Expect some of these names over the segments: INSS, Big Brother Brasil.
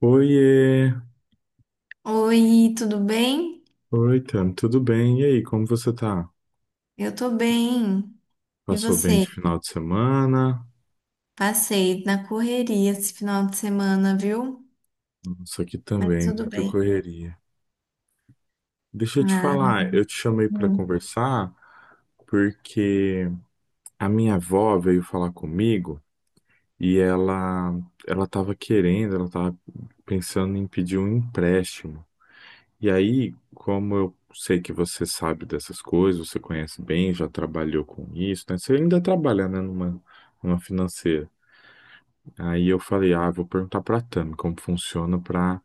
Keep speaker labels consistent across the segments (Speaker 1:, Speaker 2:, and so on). Speaker 1: Oiê,
Speaker 2: Oi, tudo bem?
Speaker 1: oi, Tam, tudo bem? E aí, como você tá?
Speaker 2: Eu tô bem. E
Speaker 1: Passou bem de
Speaker 2: você?
Speaker 1: final de semana?
Speaker 2: Passei na correria esse final de semana, viu?
Speaker 1: Nossa, aqui
Speaker 2: Mas
Speaker 1: também,
Speaker 2: tudo
Speaker 1: muita
Speaker 2: bem.
Speaker 1: correria. Deixa eu te
Speaker 2: Ah,
Speaker 1: falar, eu te chamei para
Speaker 2: hum.
Speaker 1: conversar porque a minha avó veio falar comigo e ela tava querendo, ela tava pensando em pedir um empréstimo. E aí, como eu sei que você sabe dessas coisas, você conhece bem, já trabalhou com isso, né? Você ainda trabalha, né, numa financeira. Aí eu falei, ah, vou perguntar pra Tami como funciona pra,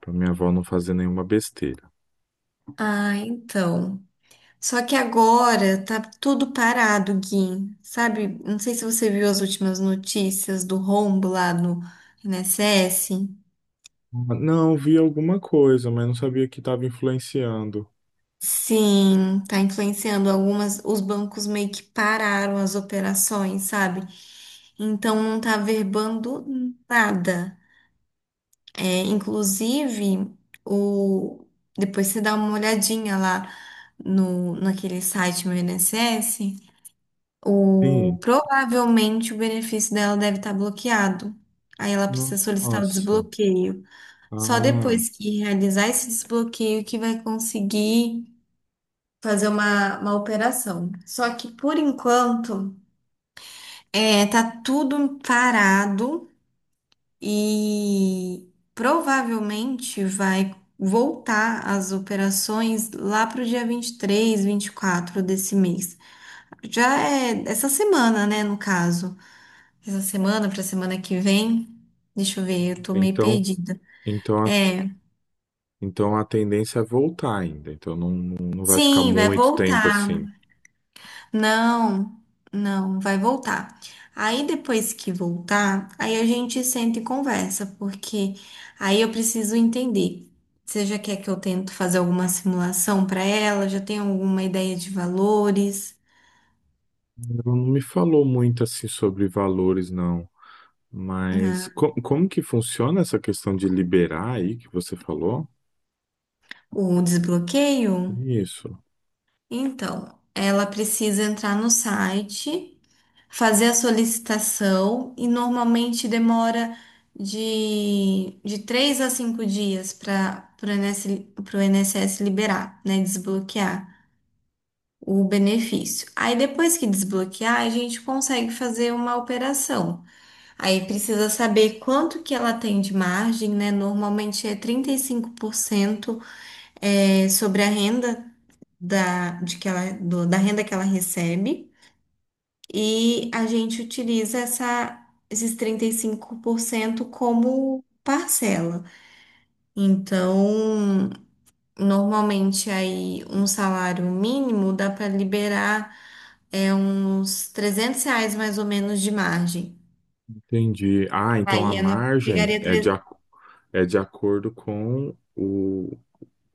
Speaker 1: pra minha avó não fazer nenhuma besteira.
Speaker 2: Ah, então. Só que agora tá tudo parado, Gui. Sabe? Não sei se você viu as últimas notícias do rombo lá no INSS.
Speaker 1: Ah, não, vi alguma coisa, mas não sabia que estava influenciando.
Speaker 2: Sim, tá influenciando algumas. Os bancos meio que pararam as operações, sabe? Então não tá verbando nada. É, inclusive, o... depois você dá uma olhadinha lá no, naquele site meu INSS,
Speaker 1: Sim.
Speaker 2: provavelmente o benefício dela deve estar bloqueado. Aí ela precisa solicitar o
Speaker 1: Nossa.
Speaker 2: desbloqueio. Só
Speaker 1: Ah,
Speaker 2: depois que realizar esse desbloqueio que vai conseguir fazer uma operação. Só que por enquanto, é, tá tudo parado. E provavelmente vai voltar as operações lá para o dia 23, 24 desse mês. Já é essa semana, né, no caso. Essa semana para semana que vem. Deixa eu ver, eu tô meio
Speaker 1: então,
Speaker 2: perdida.
Speaker 1: então, a,
Speaker 2: É,
Speaker 1: então a tendência é voltar ainda. Então não, não vai ficar
Speaker 2: sim, vai
Speaker 1: muito tempo
Speaker 2: voltar.
Speaker 1: assim.
Speaker 2: Não, não, vai voltar. Aí depois que voltar, aí a gente senta e conversa, porque aí eu preciso entender. Você já quer que eu tento fazer alguma simulação para ela? Já tem alguma ideia de valores?
Speaker 1: Ela não me falou muito assim sobre valores, não. Mas
Speaker 2: Ah,
Speaker 1: como que funciona essa questão de liberar aí que você falou?
Speaker 2: o desbloqueio?
Speaker 1: Isso.
Speaker 2: Então, ela precisa entrar no site, fazer a solicitação e normalmente demora de 3 a 5 dias para o INSS liberar, né, desbloquear o benefício. Aí depois que desbloquear, a gente consegue fazer uma operação. Aí precisa saber quanto que ela tem de margem, né? Normalmente é 35% sobre a renda da renda que ela recebe. E a gente utiliza esses 35% como parcela. Então, normalmente aí um salário mínimo dá para liberar uns R$ 300 mais ou menos de margem.
Speaker 1: Entendi. Ah, então a
Speaker 2: Aí ela
Speaker 1: margem
Speaker 2: pegaria.
Speaker 1: é é de acordo com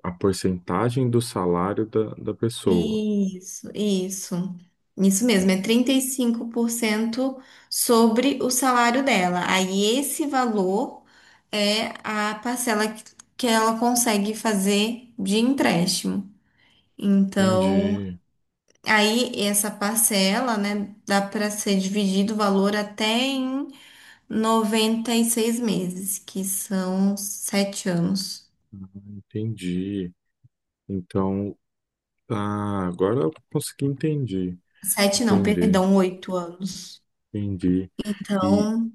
Speaker 1: a porcentagem do salário da pessoa.
Speaker 2: Isso, isso. Isso mesmo, é 35% sobre o salário dela. Aí esse valor é a parcela que ela consegue fazer de empréstimo. Então,
Speaker 1: Entendi.
Speaker 2: aí essa parcela, né, dá para ser dividido o valor até em 96 meses, que são 7 anos.
Speaker 1: Ah, entendi. Então, tá, agora eu consegui entender,
Speaker 2: Sete não,
Speaker 1: entender,
Speaker 2: perdão, 8 anos.
Speaker 1: entendi. E,
Speaker 2: Então,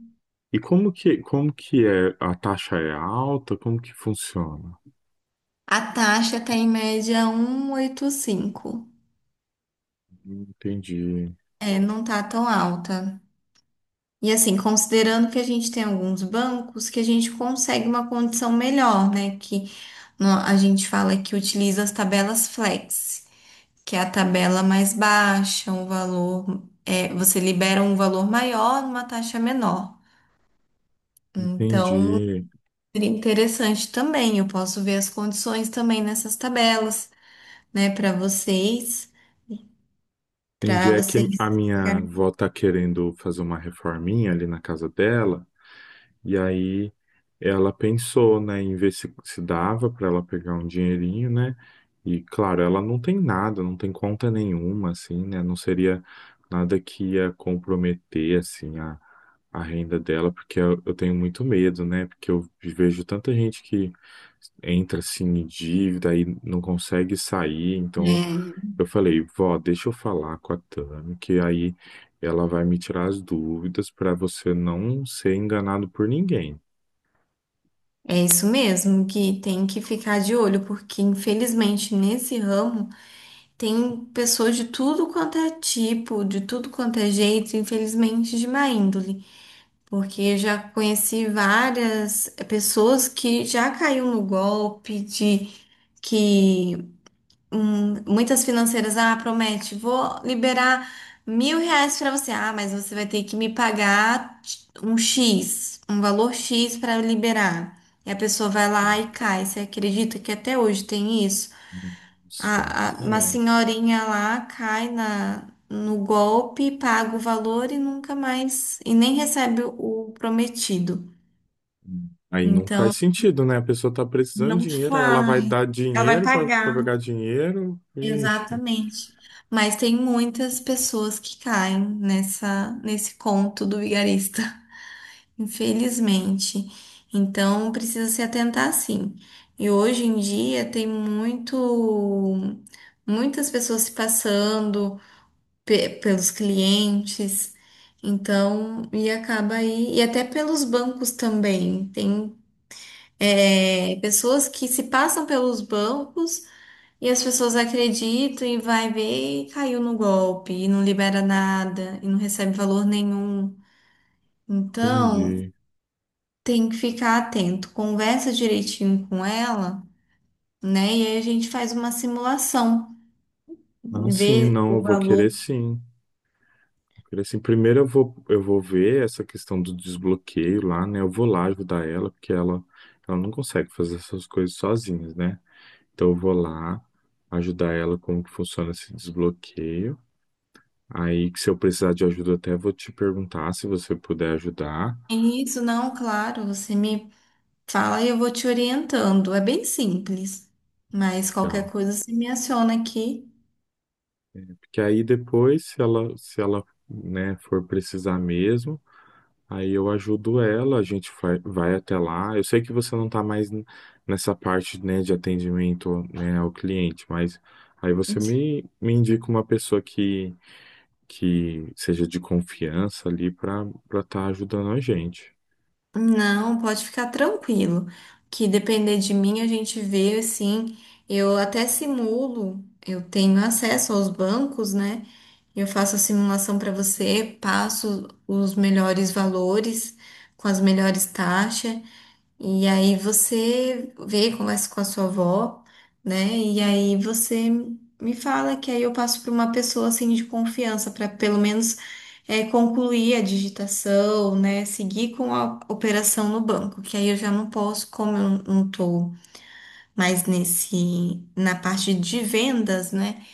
Speaker 1: e como que é? A taxa é alta? Como que funciona?
Speaker 2: a taxa tá em média 1,85.
Speaker 1: Entendi,
Speaker 2: É, não tá tão alta. E assim, considerando que a gente tem alguns bancos que a gente consegue uma condição melhor, né? Que a gente fala que utiliza as tabelas flex, que é a tabela mais baixa, um valor, você libera um valor maior numa taxa menor. Então,
Speaker 1: entendi.
Speaker 2: seria interessante também. Eu posso ver as condições também nessas tabelas, né, para vocês,
Speaker 1: Entendi.
Speaker 2: para
Speaker 1: É que
Speaker 2: vocês.
Speaker 1: a minha avó tá querendo fazer uma reforminha ali na casa dela. E aí ela pensou, né, em ver se, se dava para ela pegar um dinheirinho, né? E claro, ela não tem nada, não tem conta nenhuma, assim, né? Não seria nada que ia comprometer, assim, a renda dela, porque eu tenho muito medo, né? Porque eu vejo tanta gente que entra, assim, em dívida e não consegue sair, então
Speaker 2: É,
Speaker 1: eu falei, vó, deixa eu falar com a Tami, que aí ela vai me tirar as dúvidas para você não ser enganado por ninguém.
Speaker 2: é isso mesmo, que tem que ficar de olho, porque infelizmente nesse ramo tem pessoas de tudo quanto é tipo, de tudo quanto é jeito, infelizmente de má índole. Porque eu já conheci várias pessoas que já caiu no golpe. De que Muitas financeiras, ah, promete, vou liberar R$ 1.000 para você. Ah, mas você vai ter que me pagar um valor X para liberar. E a pessoa vai lá e cai. Você acredita que até hoje tem isso?
Speaker 1: Nossa,
Speaker 2: Uma
Speaker 1: é.
Speaker 2: senhorinha lá cai no golpe, paga o valor e nunca mais, e nem recebe o prometido.
Speaker 1: Aí não faz
Speaker 2: Então,
Speaker 1: sentido, né? A pessoa tá precisando de
Speaker 2: não
Speaker 1: dinheiro, aí ela vai
Speaker 2: faz.
Speaker 1: dar
Speaker 2: Ela vai
Speaker 1: dinheiro para pegar
Speaker 2: pagar.
Speaker 1: dinheiro. Vixe,
Speaker 2: Exatamente. Mas tem muitas pessoas que caem nesse conto do vigarista, infelizmente. Então precisa se atentar sim. E hoje em dia tem muitas pessoas se passando pelos clientes. Então, e acaba aí, e até pelos bancos também. Tem, pessoas que se passam pelos bancos e as pessoas acreditam e vai ver e caiu no golpe e não libera nada e não recebe valor nenhum. Então,
Speaker 1: entendi.
Speaker 2: tem que ficar atento, conversa direitinho com ela, né? E aí a gente faz uma simulação,
Speaker 1: Ah, sim,
Speaker 2: vê
Speaker 1: não,
Speaker 2: o
Speaker 1: eu vou querer
Speaker 2: valor.
Speaker 1: sim. Vou querer sim. Primeiro eu vou ver essa questão do desbloqueio lá, né? Eu vou lá ajudar ela, porque ela não consegue fazer essas coisas sozinha, né? Então eu vou lá ajudar ela como que funciona esse desbloqueio. Aí que se eu precisar de ajuda, eu até vou te perguntar se você puder ajudar.
Speaker 2: E isso não, claro, você me fala e eu vou te orientando. É bem simples. Mas qualquer
Speaker 1: Legal.
Speaker 2: coisa você me aciona aqui.
Speaker 1: Porque aí depois, se ela, né, for precisar mesmo, aí eu ajudo ela, a gente vai, vai até lá. Eu sei que você não está mais nessa parte, né, de atendimento, né, ao cliente, mas aí você me indica uma pessoa que seja de confiança ali para estar ajudando a gente.
Speaker 2: Não, pode ficar tranquilo, que depender de mim a gente vê assim. Eu até simulo, eu tenho acesso aos bancos, né? Eu faço a simulação para você, passo os melhores valores com as melhores taxas. E aí você vê, conversa com a sua avó, né? E aí você me fala que aí eu passo para uma pessoa assim de confiança para pelo menos concluir a digitação, né? Seguir com a operação no banco, que aí eu já não posso, como eu não tô mais nesse na parte de vendas, né?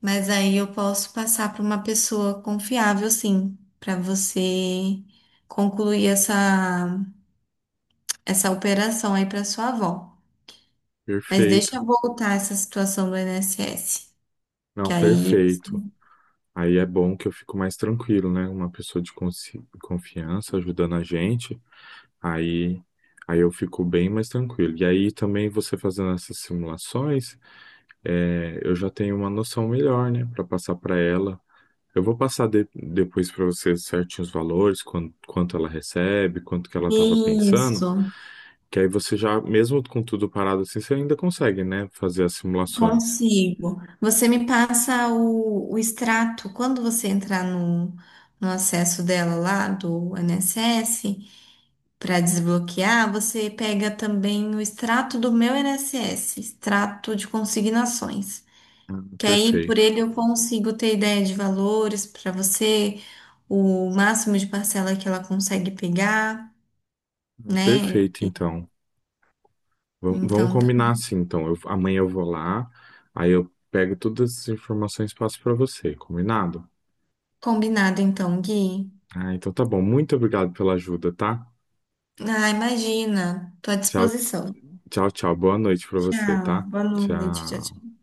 Speaker 2: Mas aí eu posso passar para uma pessoa confiável, sim, para você concluir essa operação aí para sua avó. Mas deixa
Speaker 1: Perfeito.
Speaker 2: eu voltar essa situação do INSS.
Speaker 1: Não,
Speaker 2: Que aí
Speaker 1: perfeito. Aí é bom que eu fico mais tranquilo, né? Uma pessoa de confiança ajudando a gente, aí, aí eu fico bem mais tranquilo. E aí também você fazendo essas simulações, é, eu já tenho uma noção melhor, né? Para passar para ela. Eu vou passar depois para você certinho os valores, quanto ela recebe, quanto que ela estava pensando,
Speaker 2: Isso,
Speaker 1: que aí você já, mesmo com tudo parado assim, você ainda consegue, né? Fazer as simulações.
Speaker 2: consigo. Você me passa o extrato quando você entrar no acesso dela lá do INSS para desbloquear. Você pega também o extrato do meu INSS, extrato de consignações. Que aí por
Speaker 1: Perfeito.
Speaker 2: ele eu consigo ter ideia de valores para você, o máximo de parcela que ela consegue pegar, né?
Speaker 1: Perfeito, então. Vamos
Speaker 2: Então.
Speaker 1: combinar assim, então. Amanhã eu vou lá, aí eu pego todas as informações e passo para você, combinado?
Speaker 2: Combinado então, Gui.
Speaker 1: Ah, então tá bom. Muito obrigado pela ajuda, tá?
Speaker 2: Ah, imagina. Tô à
Speaker 1: Tchau,
Speaker 2: disposição.
Speaker 1: tchau, tchau. Boa noite para você,
Speaker 2: Tchau.
Speaker 1: tá?
Speaker 2: Boa noite. Tchau,
Speaker 1: Tchau.
Speaker 2: tchau.